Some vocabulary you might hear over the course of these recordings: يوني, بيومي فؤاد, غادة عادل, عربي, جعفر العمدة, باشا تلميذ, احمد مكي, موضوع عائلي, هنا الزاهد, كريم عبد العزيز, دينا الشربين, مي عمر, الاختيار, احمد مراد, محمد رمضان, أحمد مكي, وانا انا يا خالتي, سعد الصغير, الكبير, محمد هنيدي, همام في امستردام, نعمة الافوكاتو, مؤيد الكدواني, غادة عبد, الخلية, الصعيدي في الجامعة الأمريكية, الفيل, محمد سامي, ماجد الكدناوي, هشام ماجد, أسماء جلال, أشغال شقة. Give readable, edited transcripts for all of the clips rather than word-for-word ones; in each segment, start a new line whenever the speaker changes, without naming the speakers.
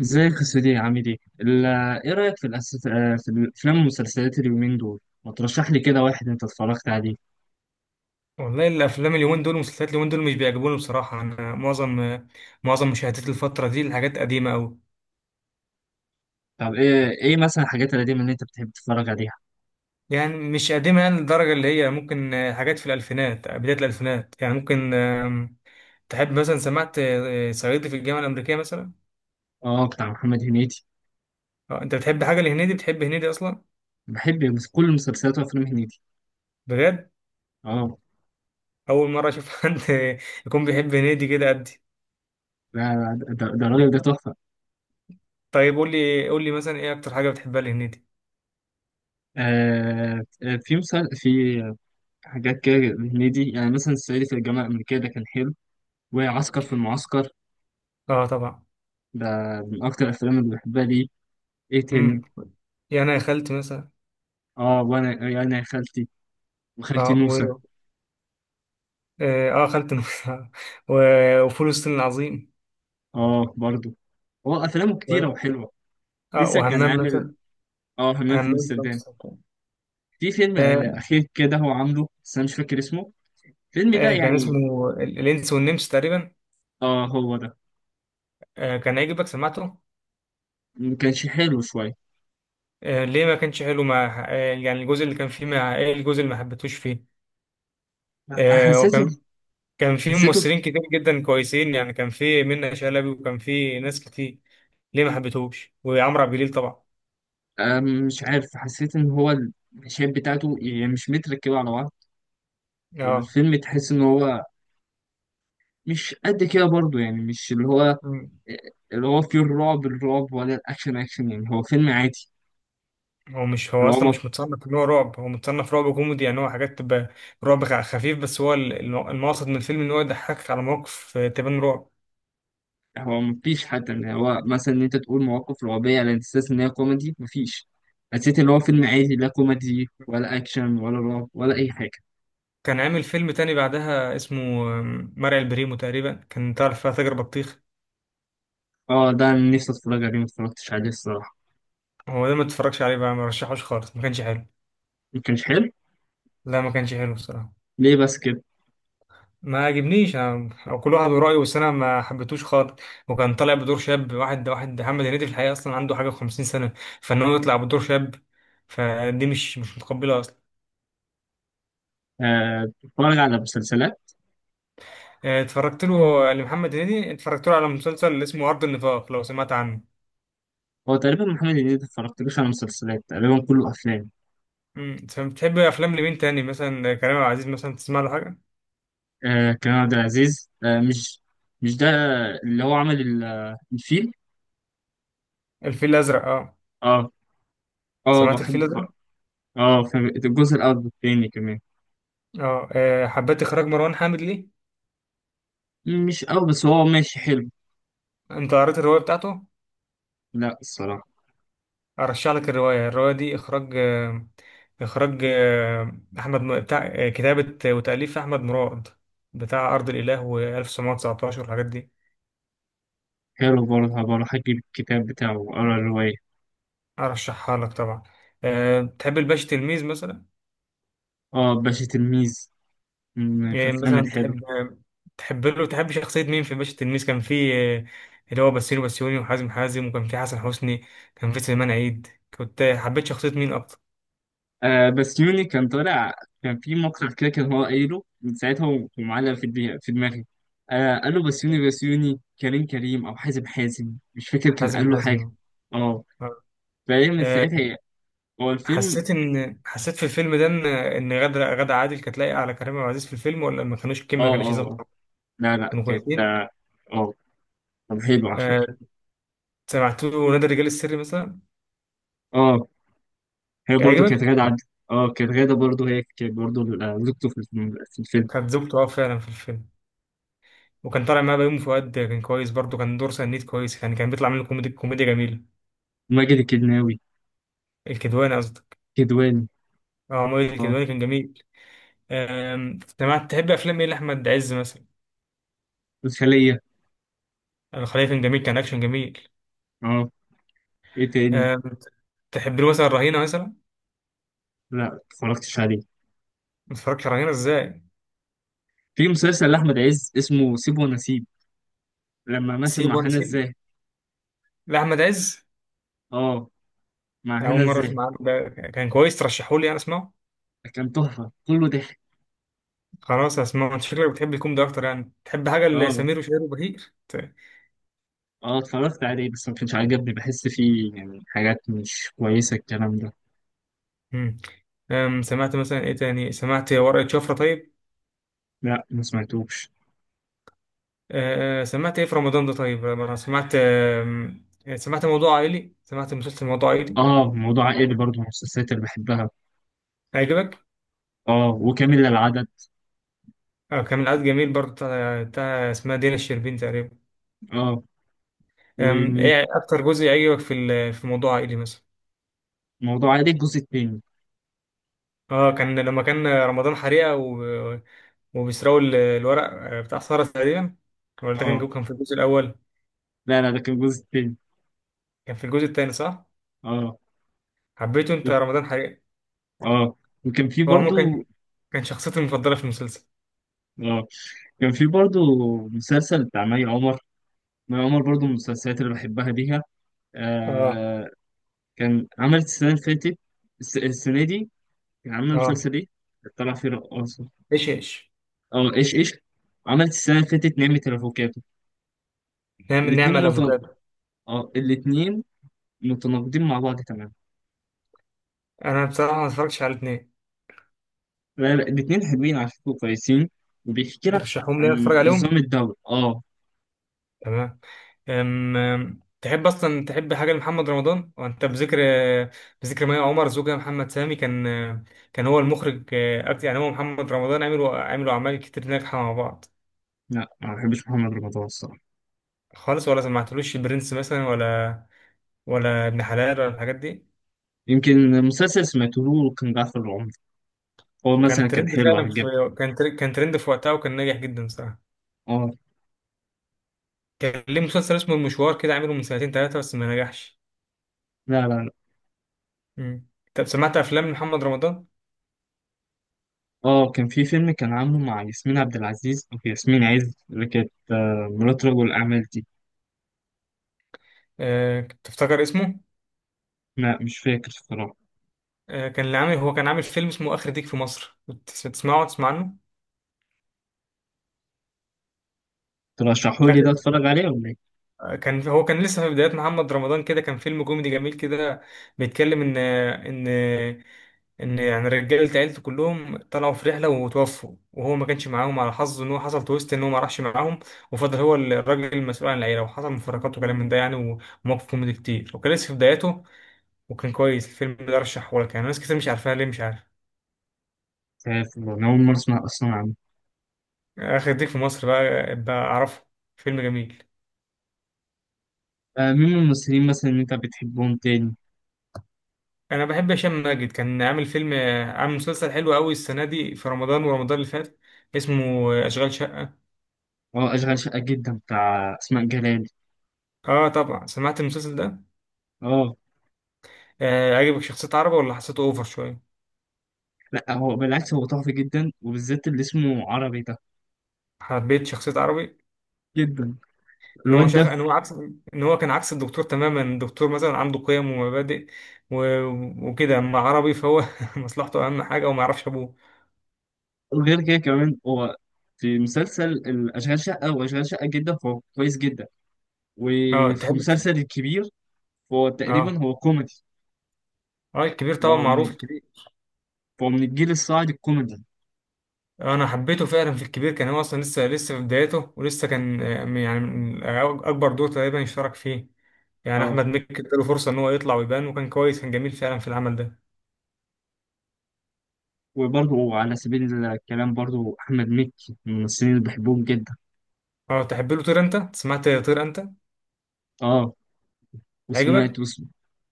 ازيك يا سيدي عامل ايه؟ ايه رأيك في الأساس، في الأفلام والمسلسلات اليومين دول؟ ما ترشح لي كده واحد انت اتفرجت عليه.
والله الافلام اليومين دول والمسلسلات اليومين دول مش بيعجبوني بصراحه. انا معظم مشاهدات الفتره دي الحاجات قديمه قوي.
طب ايه مثلا الحاجات القديمة اللي انت بتحب تتفرج عليها؟
يعني مش قديمه يعني للدرجه اللي هي ممكن، حاجات في الالفينات، بدايه الالفينات يعني ممكن، تحب مثلا سمعت، صعيدي في الجامعه الامريكيه مثلا.
اه، بتاع محمد هنيدي.
انت بتحب حاجه لهنيدي؟ بتحب هنيدي اصلا؟
بحب كل مسلسلات وأفلام هنيدي.
بجد؟
اه.
اول مره اشوف حد يكون بيحب هنيدي كده قدي.
لا لا، ده الراجل ده تحفة.
طيب قول لي مثلا ايه اكتر حاجه بتحبها لهنيدي.
في حاجات كده. هنيدي يعني مثلا الصعيدي في الجامعة الأمريكية ده كان حلو، وعسكر في المعسكر.
اه طبعا.
ده من أكتر الأفلام اللي بحبها ليه. ايه
امم،
تاني؟
يعني يا خالتي مثلا.
اه، وانا يا خالتي وخالتي
اه.
نوسة.
اه خالة النبي وفول الصين العظيم
اه برضه. هو افلامه
و...
كتيره وحلوه.
اه
لسه كان
وهمام
عامل
مثلا.
اه همام في
همام في
امستردام.
امستردام.
في فيلم
آه.
اخير كده هو عامله بس انا مش فاكر اسمه الفيلم ده
آه كان
يعني.
اسمه الانس والنمس تقريبا.
اه، هو ده.
آه كان هيعجبك، سمعته؟
ما كانش حلو شويه.
آه ليه ما كانش حلو؟ مع آه يعني الجزء اللي كان فيه مع ايه؟ الجزء اللي ما حبيتهوش فيه؟ آه
حسيته.
وكان، كان فيه
حسيته
ممثلين كتير جدا كويسين، يعني كان فيه منة شلبي وكان فيه ناس كتير. ليه ما حبيتهوش؟ وعمرو عبد الجليل طبعا.
مش عارف، حسيت ان هو المشاهد بتاعته يعني مش متركبه على بعض.
اه
الفيلم تحس ان هو مش قد كده برضه. يعني مش اللي هو فيه الرعب الرعب ولا الاكشن اكشن. يعني هو فيلم عادي.
هو مش، هو
اللي هو
اصلا
ما
مش متصنف ان هو رعب، هو متصنف رعب كوميدي، يعني هو حاجات تبقى رعب خفيف بس هو المقصد من الفيلم ان هو يضحكك على مواقف، تبان رعب.
هو مفيش حتى ان هو مثلا ان انت تقول مواقف رعبية على اساس ان هي كوميدي. مفيش. حسيت ان هو فيلم عادي، لا كوميدي ولا اكشن ولا رعب ولا اي حاجة.
كان عامل فيلم تاني بعدها اسمه، آم، مرعي البريمو تقريبا، كان تعرف فيها تاجر بطيخ.
اه، ده انا نفسي اتفرج عليه ما اتفرجتش عليه الصراحة.
هو ده ما اتفرجش عليه بقى، ما رشحوش خالص، ما كانش حلو.
ما كانش حلو.
لا ما كانش حلو الصراحه.
ليه بس كده؟
ما عجبنيش او كل واحد ورأيه، بس انا ما حبيتهوش خالص. وكان طالع بدور شاب، واحد محمد هنيدي في الحقيقه اصلا عنده حاجه و50 سنه، فان هو يطلع بدور شاب فدي مش متقبله اصلا.
بتتفرج على مسلسلات.
اتفرجت له لمحمد هنيدي، اتفرجت له على مسلسل اسمه أرض النفاق، لو سمعت عنه.
هو تقريبا محمد هنيدي ما اتفرجتلوش على مسلسلات، تقريبا كله افلام.
امم، بتحب افلام لمين تاني؟ مثلا كريم عبد العزيز مثلا، تسمع له حاجه؟
كريم عبد العزيز، مش ده اللي هو عمل الفيل.
الفيل الازرق؟ اه
اه. اه
سمعت الفيل
بحب.
الازرق.
اه فاهم. الجزء الاول والثاني كمان.
اه، حبيت اخراج مروان حامد ليه.
مش قوي بس هو ماشي حلو.
انت قريت الروايه بتاعته؟
لا الصراحة.
ارشح لك الروايه، الروايه دي اخراج، اخراج آه، احمد بتاع، كتابه وتاليف احمد مراد، بتاع ارض الاله و1919 والحاجات دي.
حلو برضه، هبقى أجيب الكتاب بتاعه وأقرا الرواية.
ارشحها لك طبعا. تحب الباشا تلميذ مثلا؟
باشا تلميذ من
يعني
الأفلام
مثلا
الحلوة.
تحب، تحب له تحب شخصية مين في باشا تلميذ؟ كان في، آه، اللي هو بسيرو بسيوني، وحازم حازم، وكان في حسن حسني، كان في سليمان عيد. كنت حبيت شخصية مين أكتر؟
بس يوني كان طالع. كان في مقطع كده كان هو قايله، من ساعتها هو معلق في دماغي في دماغي. قال له بس يوني بس يوني كريم كريم أو حازم حازم، مش فاكر كان
حازم
قال له حاجة.
حازم.
آه
آه.
فهي من
آه،
ساعتها هو الفيلم.
حسيت إن، حسيت في الفيلم ده إن غادة عادل كانت لايقة على كريم عبد العزيز في الفيلم، ولا ما كانوش الكيميا ما
آه آه
كانوش
آه.
ظابطة؟
لا لا،
كانوا كويسين.
آه كان حلو على فكرة.
آه، سمعت له نادي الرجال السري مثلا؟
آه هي
كان
برضه كانت
عجبك؟
غادة عبد. كانت غادة برضه، هي كانت برضه زوجته في الفيلم في الفيلم.
كانت زوجته أه فعلا في الفيلم. وكان طالع معاه بيومي فؤاد، كان كويس برضه، كان دور سنيد كويس، يعني كان بيطلع منه كوميدي، كوميديا جميلة.
ماجد الكدناوي.
الكدواني قصدك.
كدواني.
اه مؤيد
اه،
الكدواني كان جميل. آم، سمعت، تحب افلام ايه لاحمد عز مثلا؟
الخلية.
الخلية كان جميل، كان اكشن جميل.
اه، ايه تاني؟
آم، تحب له مثلا رهينة مثلا؟
لا متفرجتش عليه.
ما تتفرجش على رهينة ازاي؟
في مسلسل لأحمد عز اسمه سيب ونسيب لما مثل
سيب
مع
وانا
هنا
سيب
الزاهد.
لاحمد عز.
اه، مع هنا
اول مره
الزاهد.
اسمع عنه، ده كان كويس، ترشحوا لي انا اسمعه.
كان تحفة كله ضحك.
خلاص اسمعه. انت شكلك بتحب الكوميدي اكتر، يعني تحب حاجه
اه.
لسمير وشهير وبهير
اه، اتفرجت عليه بس ما كانش عجبني، بحس فيه يعني حاجات مش كويسة الكلام ده.
مم. آم، سمعت مثلا ايه تاني؟ سمعت ورقة شفرة طيب؟
لا ما سمعتوش.
سمعت ايه في رمضان ده طيب؟ انا سمعت، آم، آه، سمعت موضوع عائلي، سمعت مسلسل موضوع عائلي.
اه، موضوع عائلي برضه من المسلسلات اللي بحبها.
عجبك؟
اه، وكامل للعدد.
كان من العدد جميل برضه، بتاع بتاع اسمها دينا الشربين تقريبا.
اه،
آم،
ومين؟
ايه اكتر جزء عجبك في في موضوع عائلي مثلا؟
موضوع عائلي الجزء التاني.
اه كان لما كان رمضان حريقه وبيسرقوا الورق، بتاع سارة تقريبا. ولا ده كان
اه.
كان في الجزء الاول؟
لا لا، ده كان الجزء التاني.
كان في الجزء الثاني صح.
اه.
حبيته انت رمضان حريقه؟
اه، وكان في
هو عموما
برضو.
كان، كان شخصيتي المفضله في المسلسل.
اه، كان في برضو مسلسل بتاع مي عمر. مي عمر برضو من المسلسلات اللي بحبها ليها.
اه.
آه كان عملت السنة اللي فاتت، السنة دي كان عاملة
اه.
مسلسل ايه؟ طلع فيه رقاصة.
ايش ايش.
اه، ايش ايش. عملت السنة اللي فاتت نعمة الافوكاتو.
نعم،
الاتنين
نعمل
متن...
افوكادو.
اه، الاتنين متناقضين مع بعض تماما.
انا بصراحه ما اتفرجتش على الاثنين.
لا لا، الاتنين حلوين على فكرة كويسين. وبيحكي لك
ترشحهم لي
عن
اتفرج عليهم.
نظام الدولة. اه.
تمام. أم أم، تحب اصلا، تحب حاجه لمحمد رمضان؟ وانت بذكر، بذكر مي عمر، زوجها محمد سامي كان، كان هو المخرج اكتر، يعني هو محمد رمضان عملوا اعمال كتير ناجحه مع بعض.
لا، ما بحبش محمد رمضان الصراحة.
خالص، ولا سمعتلوش البرنس مثلا ولا ابن حلال ولا الحاجات دي؟
يمكن مسلسل سمعته له كان جعفر العمدة، هو
وكان
مثلا كان
ترند
حلو
فعلا
هجيبه.
في، كان ترند في وقتها وكان ناجح جدا صراحه.
اه.
كان ليه مسلسل اسمه المشوار كده، عامله من سنتين ثلاثه بس ما نجحش.
لا لا لا.
مم. طب سمعت افلام محمد رمضان؟
اه، كان في فيلم كان عامله مع ياسمين عبد العزيز او ياسمين عز اللي كانت مرات رجل الأعمال دي.
تفتكر اسمه؟
لا مش فاكر الصراحة.
كان اللي عامل، هو كان عامل فيلم اسمه آخر ديك في مصر، بتسمعه؟ تسمع عنه؟
ترشحوا لي
آخر،
ده اتفرج عليه ولا ايه؟
كان هو كان لسه في بدايات محمد رمضان كده، كان فيلم كوميدي جميل كده بيتكلم ان ان يعني رجاله، عيلته كلهم طلعوا في رحله وتوفوا، وهو ما كانش معاهم على حظه، ان هو حصل تويست ان هو ما راحش معاهم، وفضل هو الراجل المسؤول عن العيله، وحصل مفارقات وكلام من ده يعني، ومواقف كوميدي كتير، وكان لسه في بداياته وكان كويس. الفيلم ده رشحه لك، يعني ناس كتير مش عارفاه، ليه مش عارف.
مش عارف والله، أنا أول مرة أسمع أصلا عنه.
آخر ديك في مصر، بقى أعرفه. فيلم جميل.
مين من الممثلين مثلا اللي أنت بتحبهم تاني؟
أنا بحب هشام ماجد، كان عامل فيلم، عامل مسلسل حلو أوي السنة دي في رمضان ورمضان اللي فات، اسمه أشغال شقة.
اه، أشغال شقة جدا بتاع أسماء جلال.
آه طبعا سمعت المسلسل ده.
اه.
آه عجبك شخصية عربي ولا حسيته أوفر شوية؟
لا، هو بالعكس، هو تحفة جدا وبالذات اللي اسمه عربي ده.
حبيت شخصية عربي.
جدا
إن هو
الواد ده.
إن هو عكس، إن هو كان عكس الدكتور تماما. الدكتور مثلا عنده قيم ومبادئ و... وكده، أما عربي فهو مصلحته أهم حاجة وما يعرفش أبوه.
وغير كده كمان، هو في مسلسل الأشغال شقة، هو أشغال شقة جدا فهو كويس جدا.
آه
وفي
تحب.
مسلسل الكبير فهو تقريبا
آه.
هو كوميدي.
آه الكبير طبعا
فهو من
معروف.
فهو من الجيل الصاعد الكوميدي.
انا حبيته فعلا في الكبير، كان هو اصلا لسه، لسه في بدايته، ولسه كان، آه، يعني من اكبر دور تقريبا يشترك فيه، يعني
اه.
احمد مكي اداله فرصه ان هو يطلع ويبان، وكان كويس، كان جميل فعلا في العمل ده.
وبرضه على سبيل الكلام برضه، أحمد مكي من الممثلين اللي بحبهم جدا.
اه تحب له طير انت؟ سمعت طير انت؟
اه.
عجبك؟
وسمعت وسم...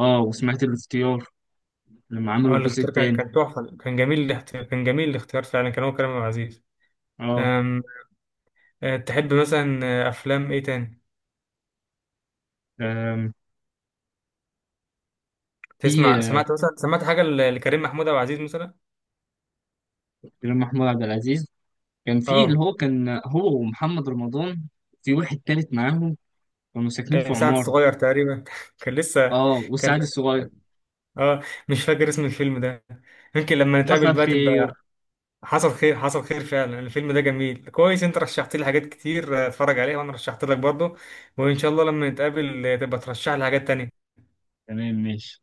اه، وسمعت الاختيار لما عملوا
اه
الجزء
الاختيار كان،
التاني.
كان تحفه، كان جميل الاختيار، كان جميل الاختيار فعلا، كان هو كريم عبد العزيز.
اه.
أم... تحب مثلا، افلام ايه تاني
آم، في
تسمع؟ سمعت مثلا، سمعت حاجه لكريم محمود عبد العزيز مثلا؟
كريم محمود عبد العزيز. كان في اللي
اه.
هو، كان هو ومحمد رمضان في واحد تالت معاهم، كانوا ساكنين في
سعد
عمارة.
الصغير تقريبا كان لسه.
اه، والسعد الصغير.
اه مش فاكر اسم الفيلم ده، يمكن لما نتقابل
حصل
بقى
خير.
تبقى. حصل خير. حصل خير فعلا. الفيلم ده جميل كويس. انت رشحت لي حاجات كتير، اتفرج عليها، وانا رشحت لك برضه، وان شاء الله لما نتقابل، تبقى ترشح لي حاجات تانية.
تمام ماشي.